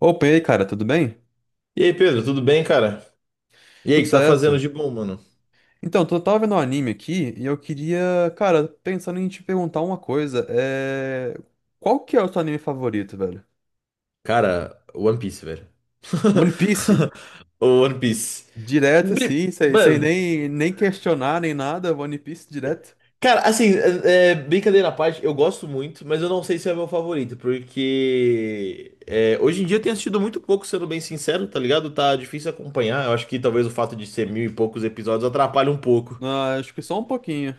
Opa, e aí, cara, tudo bem? E aí, Pedro, tudo bem, cara? E aí, o Tudo que tá fazendo certo. de bom, mano? Então, eu tava vendo um anime aqui e eu queria, cara, pensando em te perguntar uma coisa. Qual que é o seu anime favorito, velho? Cara, One Piece, velho. One Piece? O One Piece. Direto, Bri- sim, sem Mano, nem questionar nem nada, One Piece direto. cara, assim, brincadeira à parte, eu gosto muito, mas eu não sei se é meu favorito, porque hoje em dia eu tenho assistido muito pouco, sendo bem sincero, tá ligado? Tá difícil acompanhar. Eu acho que talvez o fato de ser mil e poucos episódios atrapalhe um pouco. Ah, acho que só um pouquinho.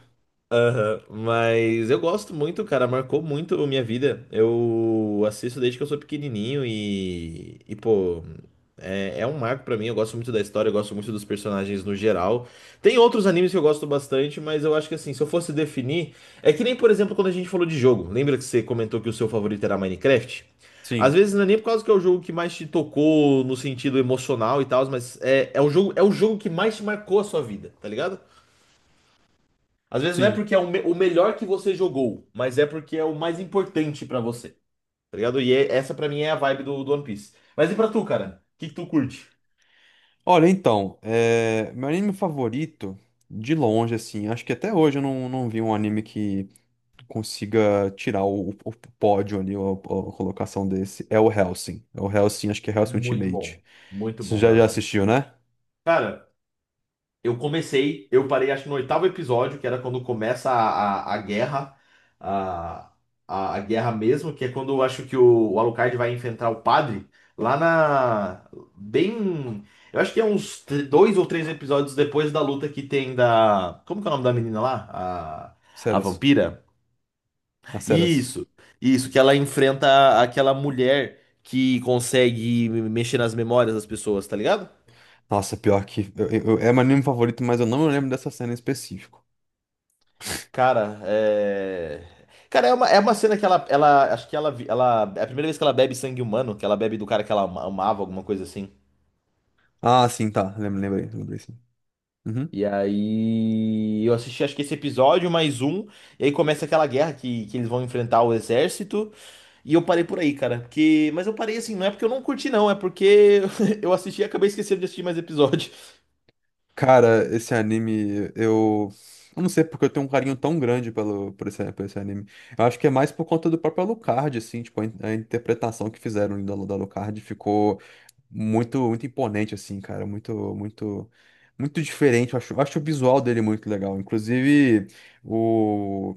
Aham. Mas eu gosto muito, cara, marcou muito a minha vida. Eu assisto desde que eu sou pequenininho e pô, é um marco pra mim. Eu gosto muito da história, eu gosto muito dos personagens no geral. Tem outros animes que eu gosto bastante, mas eu acho que assim, se eu fosse definir, é que nem, por exemplo, quando a gente falou de jogo. Lembra que você comentou que o seu favorito era Minecraft? Às Sim, vezes não é nem por causa que é o jogo que mais te tocou no sentido emocional e tal, mas é o jogo que mais te marcou a sua vida, tá ligado? Às vezes não é sim. porque é o melhor que você jogou, mas é porque é o mais importante pra você. Tá ligado? Essa pra mim é a vibe do One Piece. Mas e pra tu, cara? Que tu curte? Olha, então, meu anime favorito, de longe, assim, acho que até hoje eu não vi um anime que consiga tirar pódio ali, a colocação desse, é o Hellsing. É o Hellsing, acho que é Hellsing Muito Ultimate. bom. Muito Você bom, já Helsing. assistiu, né? Cara, eu comecei, eu parei acho que no oitavo episódio, que era quando começa a guerra, a, a guerra mesmo, que é quando eu acho que o Alucard vai enfrentar o padre lá na. Bem. Eu acho que é uns dois ou três episódios depois da luta que tem da. Como que é o nome da menina lá? A Ceras. vampira? Na Ceras. Isso, isso, que ela enfrenta aquela mulher que consegue mexer nas memórias das pessoas, tá ligado? Nossa, pior que é meu anime favorito, mas eu não lembro dessa cena em específico. Cara, é. Cara, é uma cena que ela. Acho que ela. É a primeira vez que ela bebe sangue humano, que ela bebe do cara que ela amava, alguma coisa assim. Ah, sim, tá. Lembro, lembrei, lembrei sim. Uhum. E aí. Eu assisti, acho que esse episódio, mais um. E aí começa aquela guerra que eles vão enfrentar o exército. E eu parei por aí, cara. Porque... Mas eu parei assim, não é porque eu não curti, não. É porque eu assisti e acabei esquecendo de assistir mais episódio. Cara, esse anime, eu. Eu não sei porque eu tenho um carinho tão grande por por esse anime. Eu acho que é mais por conta do próprio Alucard, assim, tipo, a interpretação que fizeram da Alucard ficou muito muito imponente assim, cara, muito muito muito diferente. Eu acho o visual dele muito legal. Inclusive o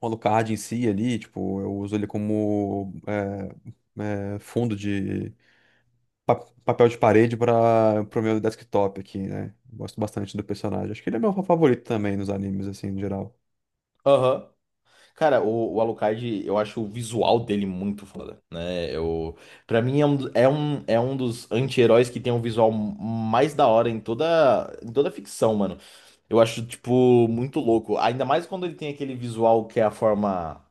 o Alucard em si ali, tipo, eu uso ele como fundo de pa- papel de parede para pro meu desktop aqui, né? Gosto bastante do personagem. Acho que ele é meu favorito também nos animes assim, no geral. Aham. Cara, o Alucard, eu acho o visual dele muito foda, né? Pra mim é um dos anti-heróis que tem um visual mais da hora em toda ficção, mano. Eu acho, tipo, muito louco. Ainda mais quando ele tem aquele visual que é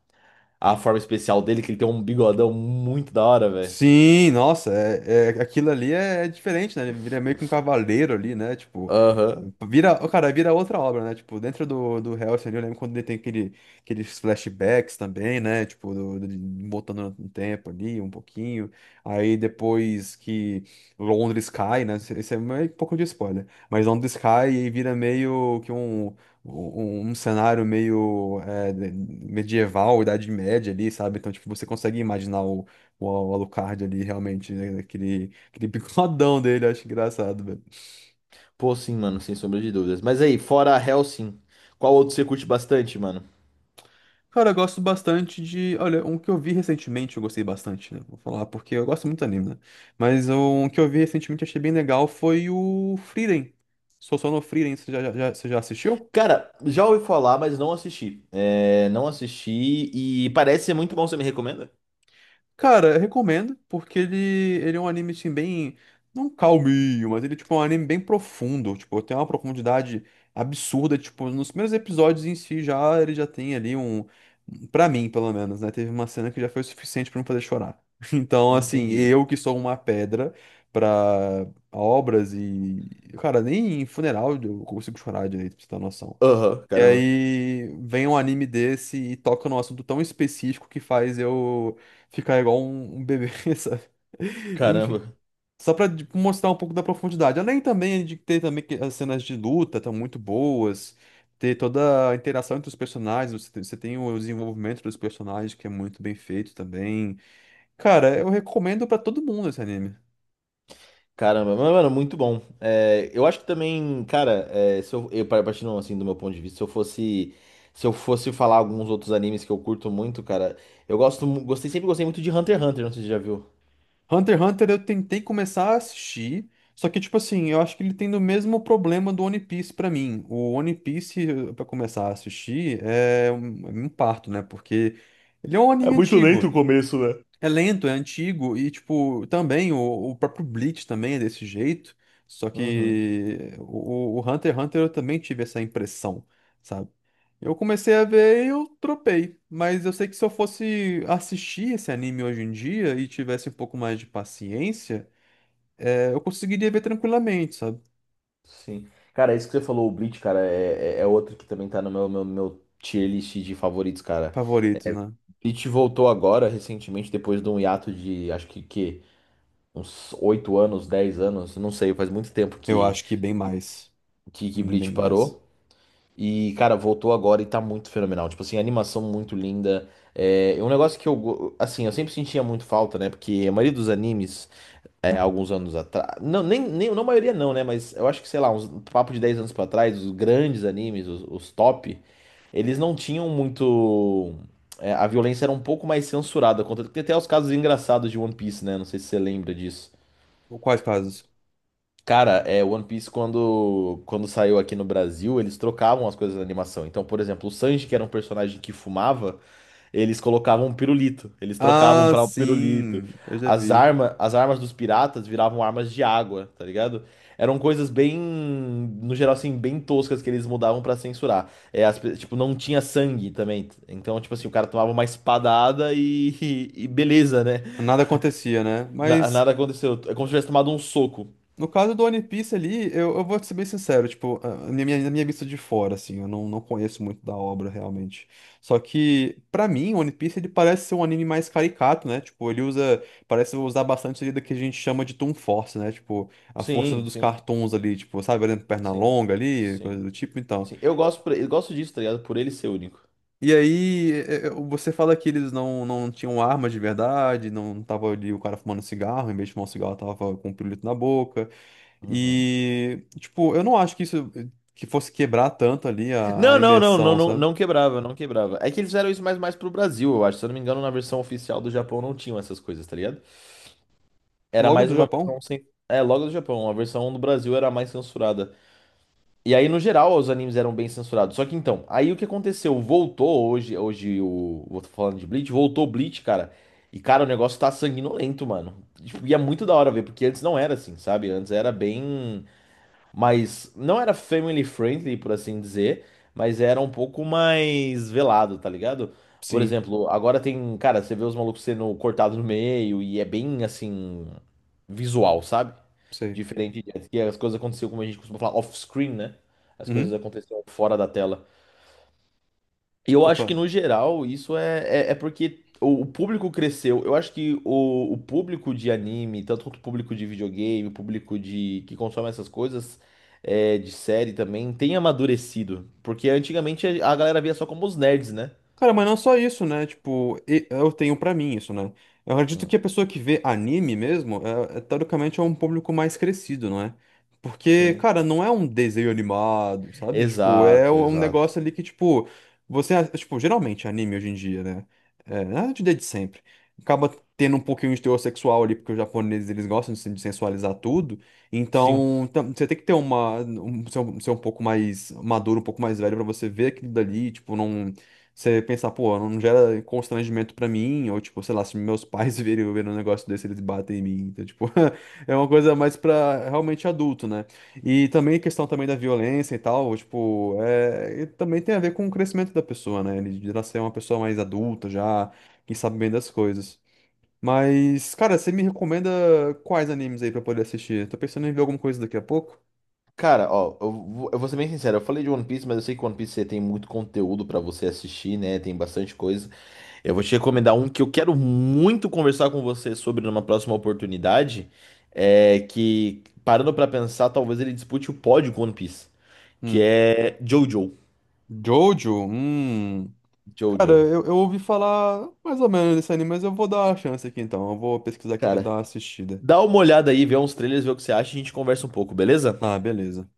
a forma especial dele, que ele tem um bigodão muito da hora, velho. Sim, nossa, aquilo ali é diferente, né? Ele vira meio que um cavaleiro ali, né? Tipo, Aham. vira, ó, cara, vira outra obra, né? Tipo, dentro do Hellsing ali, eu lembro quando ele tem aquele, aqueles flashbacks também, né? Tipo, voltando no tempo ali, um pouquinho. Aí depois que Londres cai, né? Isso isso é meio que um pouco de spoiler. Mas Londres cai e vira meio que um cenário meio medieval, Idade Média ali, sabe? Então, tipo, você consegue imaginar o Alucard ali, realmente, né? Aquele, aquele bigodão dele, eu acho engraçado, velho. Pô, sim, mano, sem sombra de dúvidas. Mas aí, fora Hellsing, qual outro você curte bastante, mano? Cara, eu gosto bastante de. Olha, um que eu vi recentemente, eu gostei bastante, né? Vou falar porque eu gosto muito do anime, né? Mas um que eu vi recentemente, achei bem legal, foi o Frieren. Sou só no Frieren, você você já assistiu? Cara, já ouvi falar, mas não assisti. É, não assisti e parece ser muito bom. Você me recomenda? Cara, eu recomendo, porque ele é um anime, assim, bem. Não calminho, mas ele, tipo, é um anime bem profundo. Tipo, tem uma profundidade absurda. Tipo, nos primeiros episódios em si já ele já tem ali um. Pra mim, pelo menos, né? Teve uma cena que já foi o suficiente pra me fazer chorar. Então, assim, Entendi. eu que sou uma pedra pra obras e. Cara, nem em funeral eu consigo chorar direito, pra você ter uma noção. Aham, E caramba. aí vem um anime desse e toca num assunto tão específico que faz eu ficar igual um bebê, sabe? Enfim. Caramba. Só pra tipo, mostrar um pouco da profundidade. Além também de ter também que as cenas de luta estão muito boas, ter toda a interação entre os personagens, você tem o desenvolvimento dos personagens que é muito bem feito também. Cara, eu recomendo pra todo mundo esse anime. Caramba. Mas, mano, muito bom. É, eu acho que também, cara, é, se eu partindo assim do meu ponto de vista, se eu fosse, se eu fosse falar alguns outros animes que eu curto muito, cara, eu gostei, sempre gostei muito de Hunter x Hunter, não sei se você já viu. Hunter x Hunter eu tentei começar a assistir, só que, tipo assim, eu acho que ele tem o mesmo problema do One Piece pra mim. O One Piece, pra começar a assistir, é um parto, né? Porque ele é um É anime muito lento o antigo. começo, né? É lento, é antigo, e tipo, também o próprio Bleach também é desse jeito. Só Uhum. que o Hunter x Hunter eu também tive essa impressão, sabe? Eu comecei a ver e eu tropei. Mas eu sei que se eu fosse assistir esse anime hoje em dia e tivesse um pouco mais de paciência, eu conseguiria ver tranquilamente, sabe? Sim. Cara, isso que você falou, o Bleach, cara, é outro que também tá no meu tier list de favoritos, cara. Favoritos, É, né? Bleach voltou agora, recentemente, depois de um hiato de, acho que uns 8 anos, 10 anos, não sei, faz muito tempo Eu acho que bem mais. Que Bem Bleach mais. parou. E, cara, voltou agora e tá muito fenomenal. Tipo assim, animação muito linda. É um negócio que eu, assim, eu sempre sentia muito falta, né? Porque a maioria dos animes é, alguns anos atrás. Não, nem, nem, não a maioria não, né? Mas eu acho que, sei lá, uns um papo de 10 anos pra trás, os grandes animes, os top, eles não tinham muito. É, a violência era um pouco mais censurada. Contra... Tem até os casos engraçados de One Piece, né? Não sei se você lembra disso. Ou quais casos? Cara, é, One Piece, quando saiu aqui no Brasil, eles trocavam as coisas na animação. Então, por exemplo, o Sanji, que era um personagem que fumava, eles colocavam um pirulito, eles trocavam Ah, para o pirulito. sim, eu já vi. As armas dos piratas viravam armas de água, tá ligado? Eram coisas bem, no geral assim, bem toscas que eles mudavam pra censurar. É, tipo, não tinha sangue também. Então, tipo assim, o cara tomava uma espadada e, beleza, né? Nada acontecia, né? Mas. Nada aconteceu. É como se tivesse tomado um soco. No caso do One Piece ali, eu vou ser bem sincero, tipo, a minha, na minha vista de fora, assim, eu não, não conheço muito da obra realmente. Só que, pra mim, One Piece ele parece ser um anime mais caricato, né? Tipo, ele usa, parece usar bastante ali do que a gente chama de Toon Force, né? Tipo, a força Sim, dos sim, cartoons ali, tipo, sabe, olhando perna sim, longa ali, coisa sim, do tipo, então. sim. Eu gosto disso, tá ligado? Por ele ser único. E aí, você fala que eles não tinham arma de verdade, não tava ali o cara fumando cigarro, em vez de fumar um cigarro, tava com um pirulito na boca. Uhum. E, tipo, eu não acho que isso que fosse quebrar tanto ali a Não, não, não, não, imersão, não, sabe? não quebrava, não quebrava. É que eles fizeram isso mais, mais pro Brasil, eu acho. Se eu não me engano, na versão oficial do Japão não tinham essas coisas, tá ligado? Era Logo mais do uma Japão? versão sem. É, logo do Japão, a versão do Brasil era mais censurada. E aí, no geral, os animes eram bem censurados. Só que então, aí o que aconteceu? Voltou hoje, hoje o. Vou falando de Bleach, voltou Bleach, cara. E, cara, o negócio tá sanguinolento, mano. Tipo, e é muito da hora ver, porque antes não era assim, sabe? Antes era bem, mas não era family friendly, por assim dizer, mas era um pouco mais velado, tá ligado? Por Sim, exemplo, agora tem, cara, você vê os malucos sendo cortados no meio e é bem assim visual, sabe? sei. Diferente de antes, que as coisas aconteciam como a gente costuma falar off-screen, né? As coisas Uhum. aconteciam fora da tela. E eu Ok. acho que, no geral, isso é porque o público cresceu. Eu acho que o público de anime, tanto quanto o público de videogame, o público de que consome essas coisas, é, de série também, tem amadurecido. Porque antigamente a galera via só como os nerds, né? Cara, mas não só isso, né? Tipo, eu tenho pra mim isso, né? Eu acredito Hum. que a pessoa que vê anime mesmo, teoricamente é um público mais crescido, não é? Porque, Sim. cara, não é um desenho animado, sabe? Tipo, é Exato, um exato. negócio ali que, tipo, você, tipo, geralmente anime hoje em dia, né? É, na verdade, desde sempre. Acaba tendo um pouquinho de teor sexual ali, porque os japoneses, eles gostam de, de sensualizar tudo. Sim. Então, você tem que ter uma, ser ser um pouco mais maduro, um pouco mais velho pra você ver aquilo dali, tipo, não você pensar, pô, não gera constrangimento pra mim, ou tipo, sei lá, se meus pais verem, verem um negócio desse, eles batem em mim. Então, tipo, é uma coisa mais pra realmente adulto, né? E também a questão também da violência e tal, tipo, e também tem a ver com o crescimento da pessoa, né? Ele de nascer uma pessoa mais adulta já, que sabe bem das coisas. Mas, cara, você me recomenda quais animes aí pra eu poder assistir? Tô pensando em ver alguma coisa daqui a pouco. Cara, ó, eu vou ser bem sincero, eu falei de One Piece, mas eu sei que One Piece tem muito conteúdo pra você assistir, né? Tem bastante coisa. Eu vou te recomendar um que eu quero muito conversar com você sobre numa próxima oportunidade, é que, parando pra pensar, talvez ele dispute o pódio com One Piece, que Hum. é Jojo. Jojo? Hum. Cara, Jojo. Eu ouvi falar mais ou menos desse anime, mas eu vou dar a chance aqui então. Eu vou pesquisar aqui pra dar Cara, uma assistida. dá uma olhada aí, vê uns trailers, vê o que você acha e a gente conversa um pouco, beleza? Ah, beleza.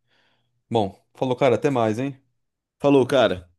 Bom, falou, cara, até mais, hein? Falou, cara.